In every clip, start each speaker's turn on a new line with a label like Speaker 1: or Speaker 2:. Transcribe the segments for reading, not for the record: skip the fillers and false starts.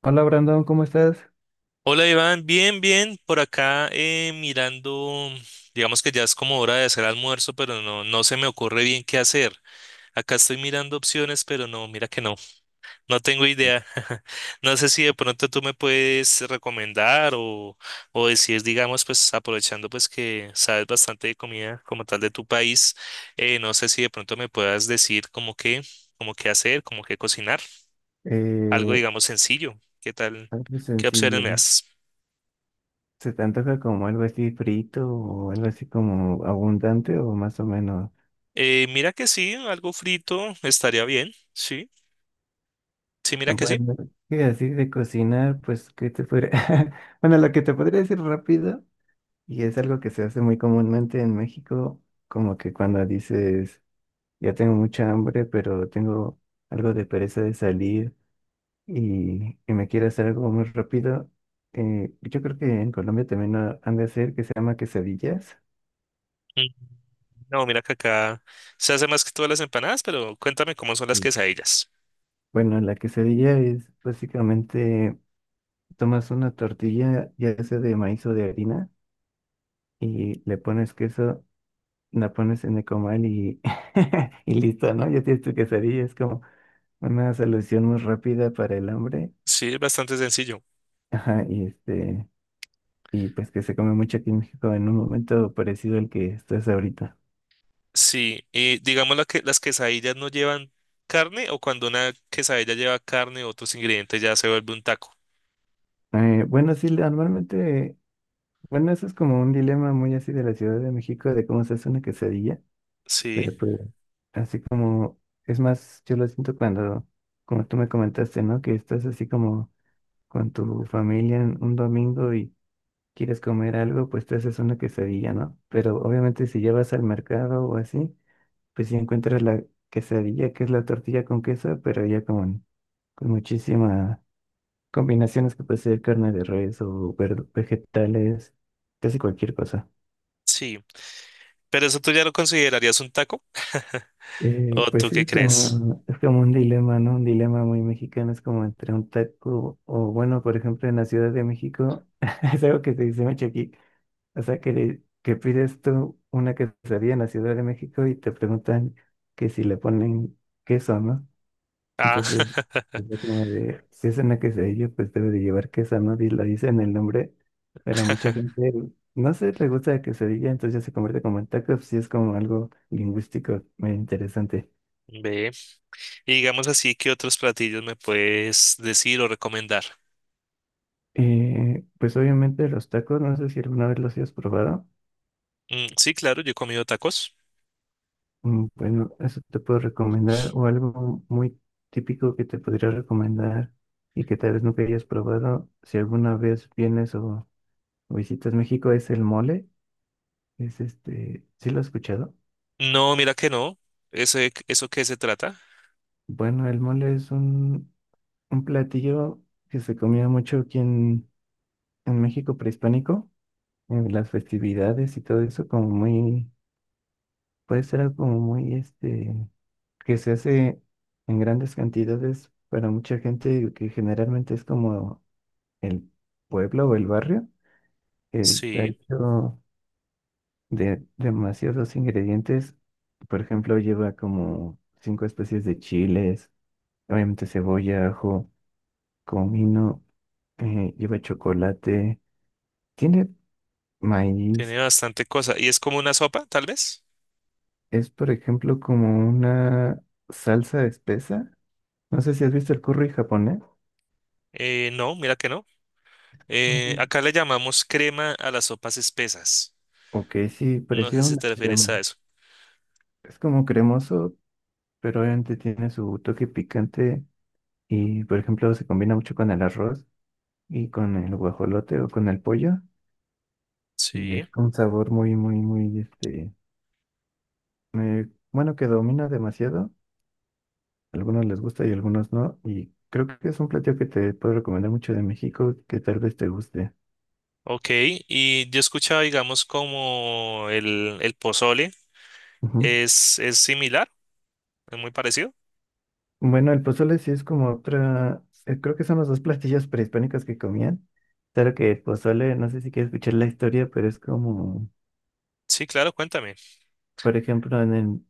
Speaker 1: Hola Brandon, ¿cómo estás?
Speaker 2: Hola Iván, bien, bien, por acá mirando, digamos que ya es como hora de hacer almuerzo, pero no, no se me ocurre bien qué hacer. Acá estoy mirando opciones, pero no, mira que no, no tengo idea. No sé si de pronto tú me puedes recomendar o decir, digamos, pues aprovechando pues que sabes bastante de comida como tal de tu país, no sé si de pronto me puedas decir como qué hacer, como qué cocinar, algo
Speaker 1: Eh,
Speaker 2: digamos sencillo, qué tal,
Speaker 1: Algo
Speaker 2: qué opciones
Speaker 1: sencillo,
Speaker 2: me
Speaker 1: ¿no?
Speaker 2: das.
Speaker 1: ¿Se te antoja como algo así frito o algo así como abundante o más o menos?
Speaker 2: Mira que sí, algo frito estaría bien, sí, sí, mira
Speaker 1: No,
Speaker 2: que sí.
Speaker 1: bueno, y así de cocinar, pues, ¿qué te podría...? Bueno, lo que te podría decir rápido, y es algo que se hace muy comúnmente en México, como que cuando dices, ya tengo mucha hambre, pero tengo algo de pereza de salir, y me quiere hacer algo muy rápido. Yo creo que en Colombia también han de hacer que se llama quesadillas.
Speaker 2: Mm, no, mira que acá se hace más que todas las empanadas, pero cuéntame cómo son las
Speaker 1: Mm.
Speaker 2: quesadillas.
Speaker 1: Bueno, la quesadilla es básicamente tomas una tortilla, ya sea de maíz o de harina, y le pones queso, la pones en el comal y, y listo, ¿no? Ya tienes tu quesadilla, es como una solución muy rápida para el hambre.
Speaker 2: Sí, es bastante sencillo.
Speaker 1: Ajá, y este, y pues que se come mucho aquí en México en un momento parecido al que estás ahorita.
Speaker 2: Sí, y digamos las quesadillas no llevan carne, o cuando una quesadilla lleva carne o otros ingredientes ya se vuelve un taco.
Speaker 1: Bueno, sí, normalmente, bueno, eso es como un dilema muy así de la Ciudad de México, de cómo se hace una quesadilla,
Speaker 2: Sí,
Speaker 1: pero pues así como, es más, yo lo siento cuando, como tú me comentaste, ¿no? Que estás así como con tu familia en un domingo y quieres comer algo, pues te haces una quesadilla, ¿no? Pero obviamente si llevas al mercado o así, pues si encuentras la quesadilla, que es la tortilla con queso, pero ya con muchísima combinaciones que puede ser carne de res o vegetales, casi cualquier cosa.
Speaker 2: sí, pero eso tú ya lo considerarías un taco. ¿O
Speaker 1: Pues
Speaker 2: tú
Speaker 1: sí,
Speaker 2: qué crees?
Speaker 1: es como un dilema, ¿no? Un dilema muy mexicano, es como entre un taco o, bueno, por ejemplo, en la Ciudad de México, es algo que se dice mucho aquí, o sea, que, que pides tú una quesadilla en la Ciudad de México y te preguntan que si le ponen queso, ¿no?
Speaker 2: Ah,
Speaker 1: Entonces, pues, ya como de, si es una quesadilla, pues debe de llevar queso, ¿no? Y lo dice en el nombre, pero a mucha gente, no sé, le gusta la quesadilla, entonces ya se convierte como en taco, pues sí es como algo lingüístico muy interesante.
Speaker 2: ve, y digamos así, ¿qué otros platillos me puedes decir o recomendar?
Speaker 1: Pues obviamente los tacos, no sé si alguna vez los hayas probado.
Speaker 2: Mm, sí, claro, yo he comido tacos.
Speaker 1: Mm, bueno, eso te puedo recomendar, o algo muy típico que te podría recomendar y que tal vez nunca hayas probado, si alguna vez vienes o visitas México, es el mole. Es este, ¿sí lo has escuchado?
Speaker 2: No, mira que no. ¿Ese, eso qué se trata?
Speaker 1: Bueno, el mole es un platillo que se comía mucho aquí en México prehispánico, en las festividades y todo eso, como muy, puede ser algo como muy, este, que se hace en grandes cantidades para mucha gente, que generalmente es como el pueblo o el barrio, que está
Speaker 2: Sí,
Speaker 1: hecho de demasiados ingredientes. Por ejemplo, lleva como cinco especies de chiles, obviamente cebolla, ajo, comino. Lleva chocolate, tiene
Speaker 2: tiene
Speaker 1: maíz,
Speaker 2: bastante cosa. ¿Y es como una sopa, tal vez?
Speaker 1: es por ejemplo como una salsa espesa. No sé si has visto el curry japonés.
Speaker 2: No, mira que no.
Speaker 1: Mm.
Speaker 2: Acá le llamamos crema a las sopas espesas.
Speaker 1: Ok, sí,
Speaker 2: No sé
Speaker 1: parecía
Speaker 2: si
Speaker 1: una
Speaker 2: te refieres
Speaker 1: crema.
Speaker 2: a eso.
Speaker 1: Es como cremoso, pero obviamente tiene su toque picante y por ejemplo se combina mucho con el arroz y con el guajolote o con el pollo. Y
Speaker 2: Sí,
Speaker 1: es un sabor muy, muy, muy, este, bueno, que domina demasiado. Algunos les gusta y algunos no. Y creo que es un platillo que te puedo recomendar mucho de México, que tal vez te guste.
Speaker 2: ok. Y yo he escuchado, digamos, como el pozole.
Speaker 1: Ujú.
Speaker 2: Es similar? ¿Es muy parecido?
Speaker 1: Bueno, el pozole sí es como otra, creo que son los dos platillos prehispánicos que comían. Claro que el pozole, no sé si quieres escuchar la historia, pero es como,
Speaker 2: Sí, claro, cuéntame.
Speaker 1: por ejemplo,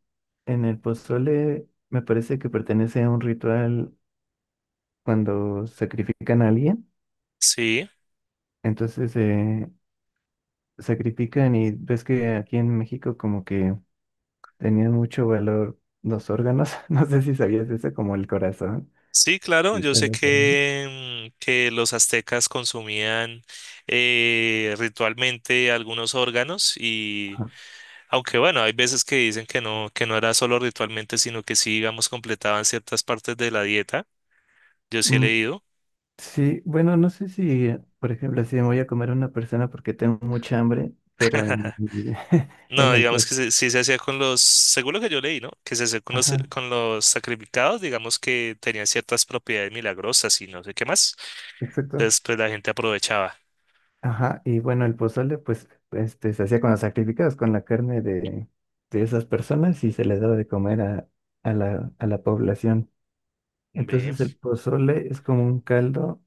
Speaker 1: en el pozole me parece que pertenece a un ritual cuando sacrifican a alguien.
Speaker 2: Sí.
Speaker 1: Entonces, sacrifican y ves que aquí en México como que tenían mucho valor los órganos. No sé si sabías eso, como el corazón.
Speaker 2: Sí, claro,
Speaker 1: Sí,
Speaker 2: yo
Speaker 1: te
Speaker 2: sé
Speaker 1: lo permito.
Speaker 2: que, mm, que los aztecas consumían ritualmente algunos órganos. Y
Speaker 1: Ajá.
Speaker 2: aunque bueno, hay veces que dicen que no era solo ritualmente, sino que sí, digamos, completaban ciertas partes de la dieta. Yo sí he
Speaker 1: Mm,
Speaker 2: leído.
Speaker 1: sí, bueno, no sé si, por ejemplo, si me voy a comer a una persona porque tengo mucha hambre, pero en,
Speaker 2: No,
Speaker 1: en el
Speaker 2: digamos
Speaker 1: pozole.
Speaker 2: que sí se hacía con los, según lo que yo leí, ¿no? Que se hacía
Speaker 1: Ajá,
Speaker 2: con los sacrificados, digamos que tenían ciertas propiedades milagrosas y no sé qué más.
Speaker 1: exacto.
Speaker 2: Entonces, pues la gente aprovechaba.
Speaker 1: Ajá, y bueno, el pozole, pues, este, se hacía con los sacrificados, con la carne de esas personas y se les daba de comer a la población.
Speaker 2: Ve,
Speaker 1: Entonces el pozole es como un caldo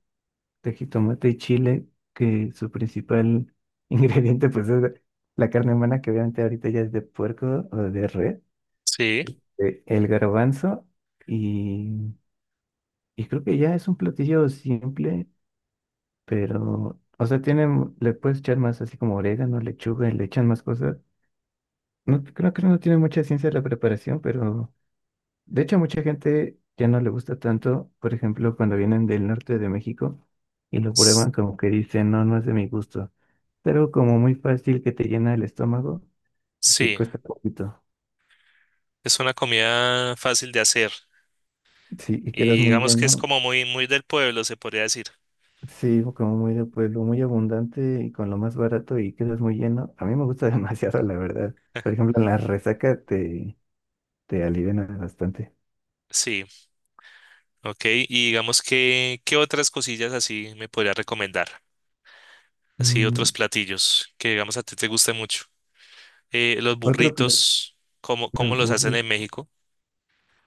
Speaker 1: de jitomate y chile, que su principal ingrediente pues es la carne humana, que obviamente ahorita ya es de puerco o de res,
Speaker 2: sí,
Speaker 1: el garbanzo y, y creo que ya es un platillo simple, pero, o sea, tiene, le puedes echar más así como orégano, lechuga, y le echan más cosas. No, creo que no tiene mucha ciencia la preparación, pero de hecho, mucha gente ya no le gusta tanto, por ejemplo, cuando vienen del norte de México y lo
Speaker 2: s-
Speaker 1: prueban como que dicen, no, no es de mi gusto. Pero como muy fácil que te llena el estómago y que
Speaker 2: sí.
Speaker 1: cuesta poquito.
Speaker 2: Es una comida fácil de hacer
Speaker 1: Sí, y quedas
Speaker 2: y
Speaker 1: muy
Speaker 2: digamos que es
Speaker 1: lleno.
Speaker 2: como muy, muy del pueblo, se podría decir.
Speaker 1: Sí, como muy de pueblo, muy abundante y con lo más barato y quedas muy lleno. A mí me gusta demasiado, la verdad. Por ejemplo, en la resaca te, te aliviana bastante.
Speaker 2: Sí, ok. Y digamos que, ¿qué otras cosillas así me podría recomendar? Así
Speaker 1: Mm,
Speaker 2: otros platillos que digamos a ti te guste mucho. Los
Speaker 1: otro plato.
Speaker 2: burritos, ¿cómo, cómo los hacen en México?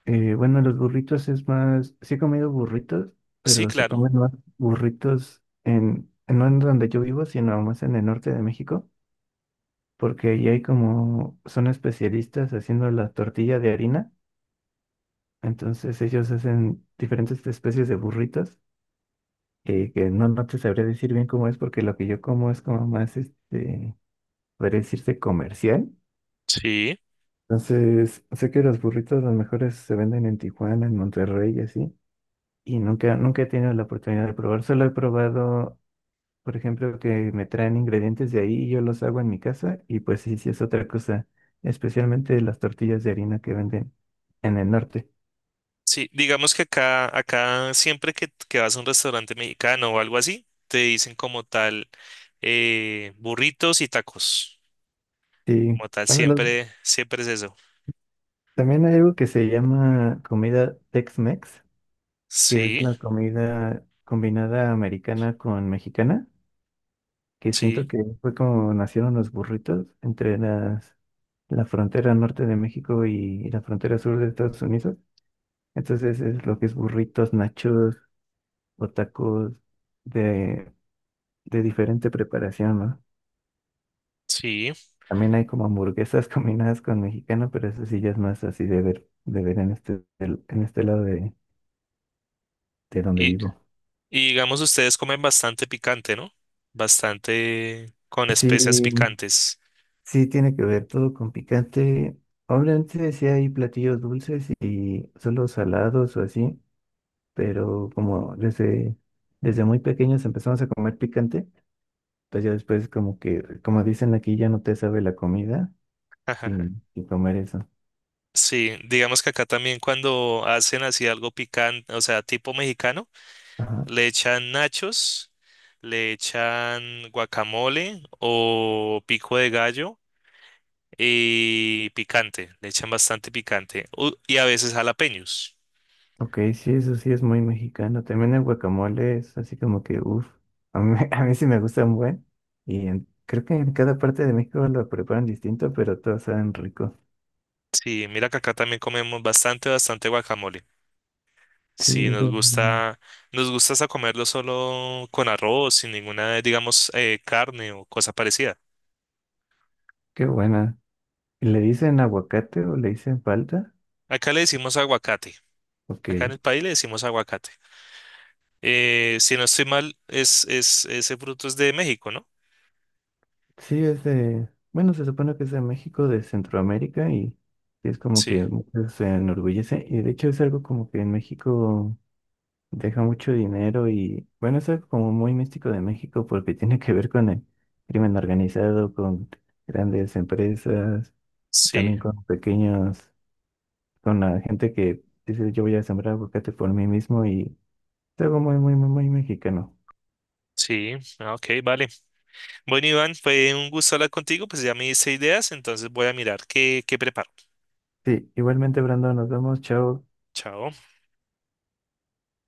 Speaker 1: Bueno, los burritos es más, sí he comido burritos,
Speaker 2: Sí,
Speaker 1: pero se
Speaker 2: claro.
Speaker 1: comen más burritos en, no en donde yo vivo, sino más en el norte de México, porque ahí hay como, son especialistas haciendo la tortilla de harina, entonces ellos hacen diferentes especies de burritos, que no, no te sabría decir bien cómo es, porque lo que yo como es como más, este, podría decirse comercial.
Speaker 2: Sí.
Speaker 1: Entonces, sé que los burritos los mejores se venden en Tijuana, en Monterrey y así. Y nunca, nunca he tenido la oportunidad de probar. Solo he probado, por ejemplo, que me traen ingredientes de ahí y yo los hago en mi casa. Y pues sí, sí es otra cosa. Especialmente las tortillas de harina que venden en el norte.
Speaker 2: Sí, digamos que acá, acá siempre que vas a un restaurante mexicano o algo así, te dicen como tal burritos y tacos.
Speaker 1: Sí.
Speaker 2: Como tal,
Speaker 1: Bueno,
Speaker 2: siempre, siempre es eso.
Speaker 1: también hay algo que se llama comida Tex-Mex, que es
Speaker 2: Sí.
Speaker 1: la comida combinada americana con mexicana, que siento
Speaker 2: Sí,
Speaker 1: que fue como nacieron los burritos entre las, la frontera norte de México y la frontera sur de Estados Unidos. Entonces es lo que es burritos, nachos o tacos de, de diferente preparación, ¿no?
Speaker 2: sí.
Speaker 1: También hay como hamburguesas combinadas con mexicano, pero eso sí ya es más así de ver en este, en este lado de donde
Speaker 2: Y,
Speaker 1: vivo.
Speaker 2: y digamos, ustedes comen bastante picante, ¿no? Bastante con
Speaker 1: Sí,
Speaker 2: especias picantes.
Speaker 1: sí tiene que ver todo con picante. Obviamente sí hay platillos dulces y solo salados o así, pero como desde, desde muy pequeños empezamos a comer picante, pues ya después como que, como dicen aquí, ya no te sabe la comida
Speaker 2: Ajaja.
Speaker 1: sin, sin comer eso.
Speaker 2: Sí, digamos que acá también cuando hacen así algo picante, o sea, tipo mexicano,
Speaker 1: Ajá.
Speaker 2: le echan nachos, le echan guacamole o pico de gallo y picante, le echan bastante picante. Y a veces jalapeños.
Speaker 1: Ok, sí, eso sí es muy mexicano. También el guacamole es así como que, uff, a mí, a mí sí me gusta un buen. Y creo que en cada parte de México lo preparan distinto, pero todos saben rico.
Speaker 2: Sí, mira que acá también comemos bastante, bastante guacamole.
Speaker 1: Sí,
Speaker 2: Sí,
Speaker 1: eso,
Speaker 2: nos gusta hasta comerlo solo con arroz, sin ninguna, digamos, carne o cosa parecida.
Speaker 1: qué buena. ¿Y le dicen aguacate o le dicen palta?
Speaker 2: Acá le decimos aguacate. Acá en
Speaker 1: Ok.
Speaker 2: el país le decimos aguacate. Si no estoy mal, es, ese fruto es de México, ¿no?
Speaker 1: Sí, es de, bueno, se supone que es de México, de Centroamérica y es como
Speaker 2: Sí,
Speaker 1: que muchos se enorgullece. Y de hecho es algo como que en México deja mucho dinero y bueno, eso es como muy místico de México porque tiene que ver con el crimen organizado, con grandes empresas,
Speaker 2: sí,
Speaker 1: también con pequeños, con la gente que dice yo voy a sembrar aguacate por mí mismo y es algo muy, muy, muy, muy mexicano.
Speaker 2: sí. Ah, ok, vale. Bueno, Iván, fue un gusto hablar contigo, pues ya me hice ideas, entonces voy a mirar qué, qué preparo.
Speaker 1: Sí, igualmente, Brandon, nos vemos, chao.
Speaker 2: Chao.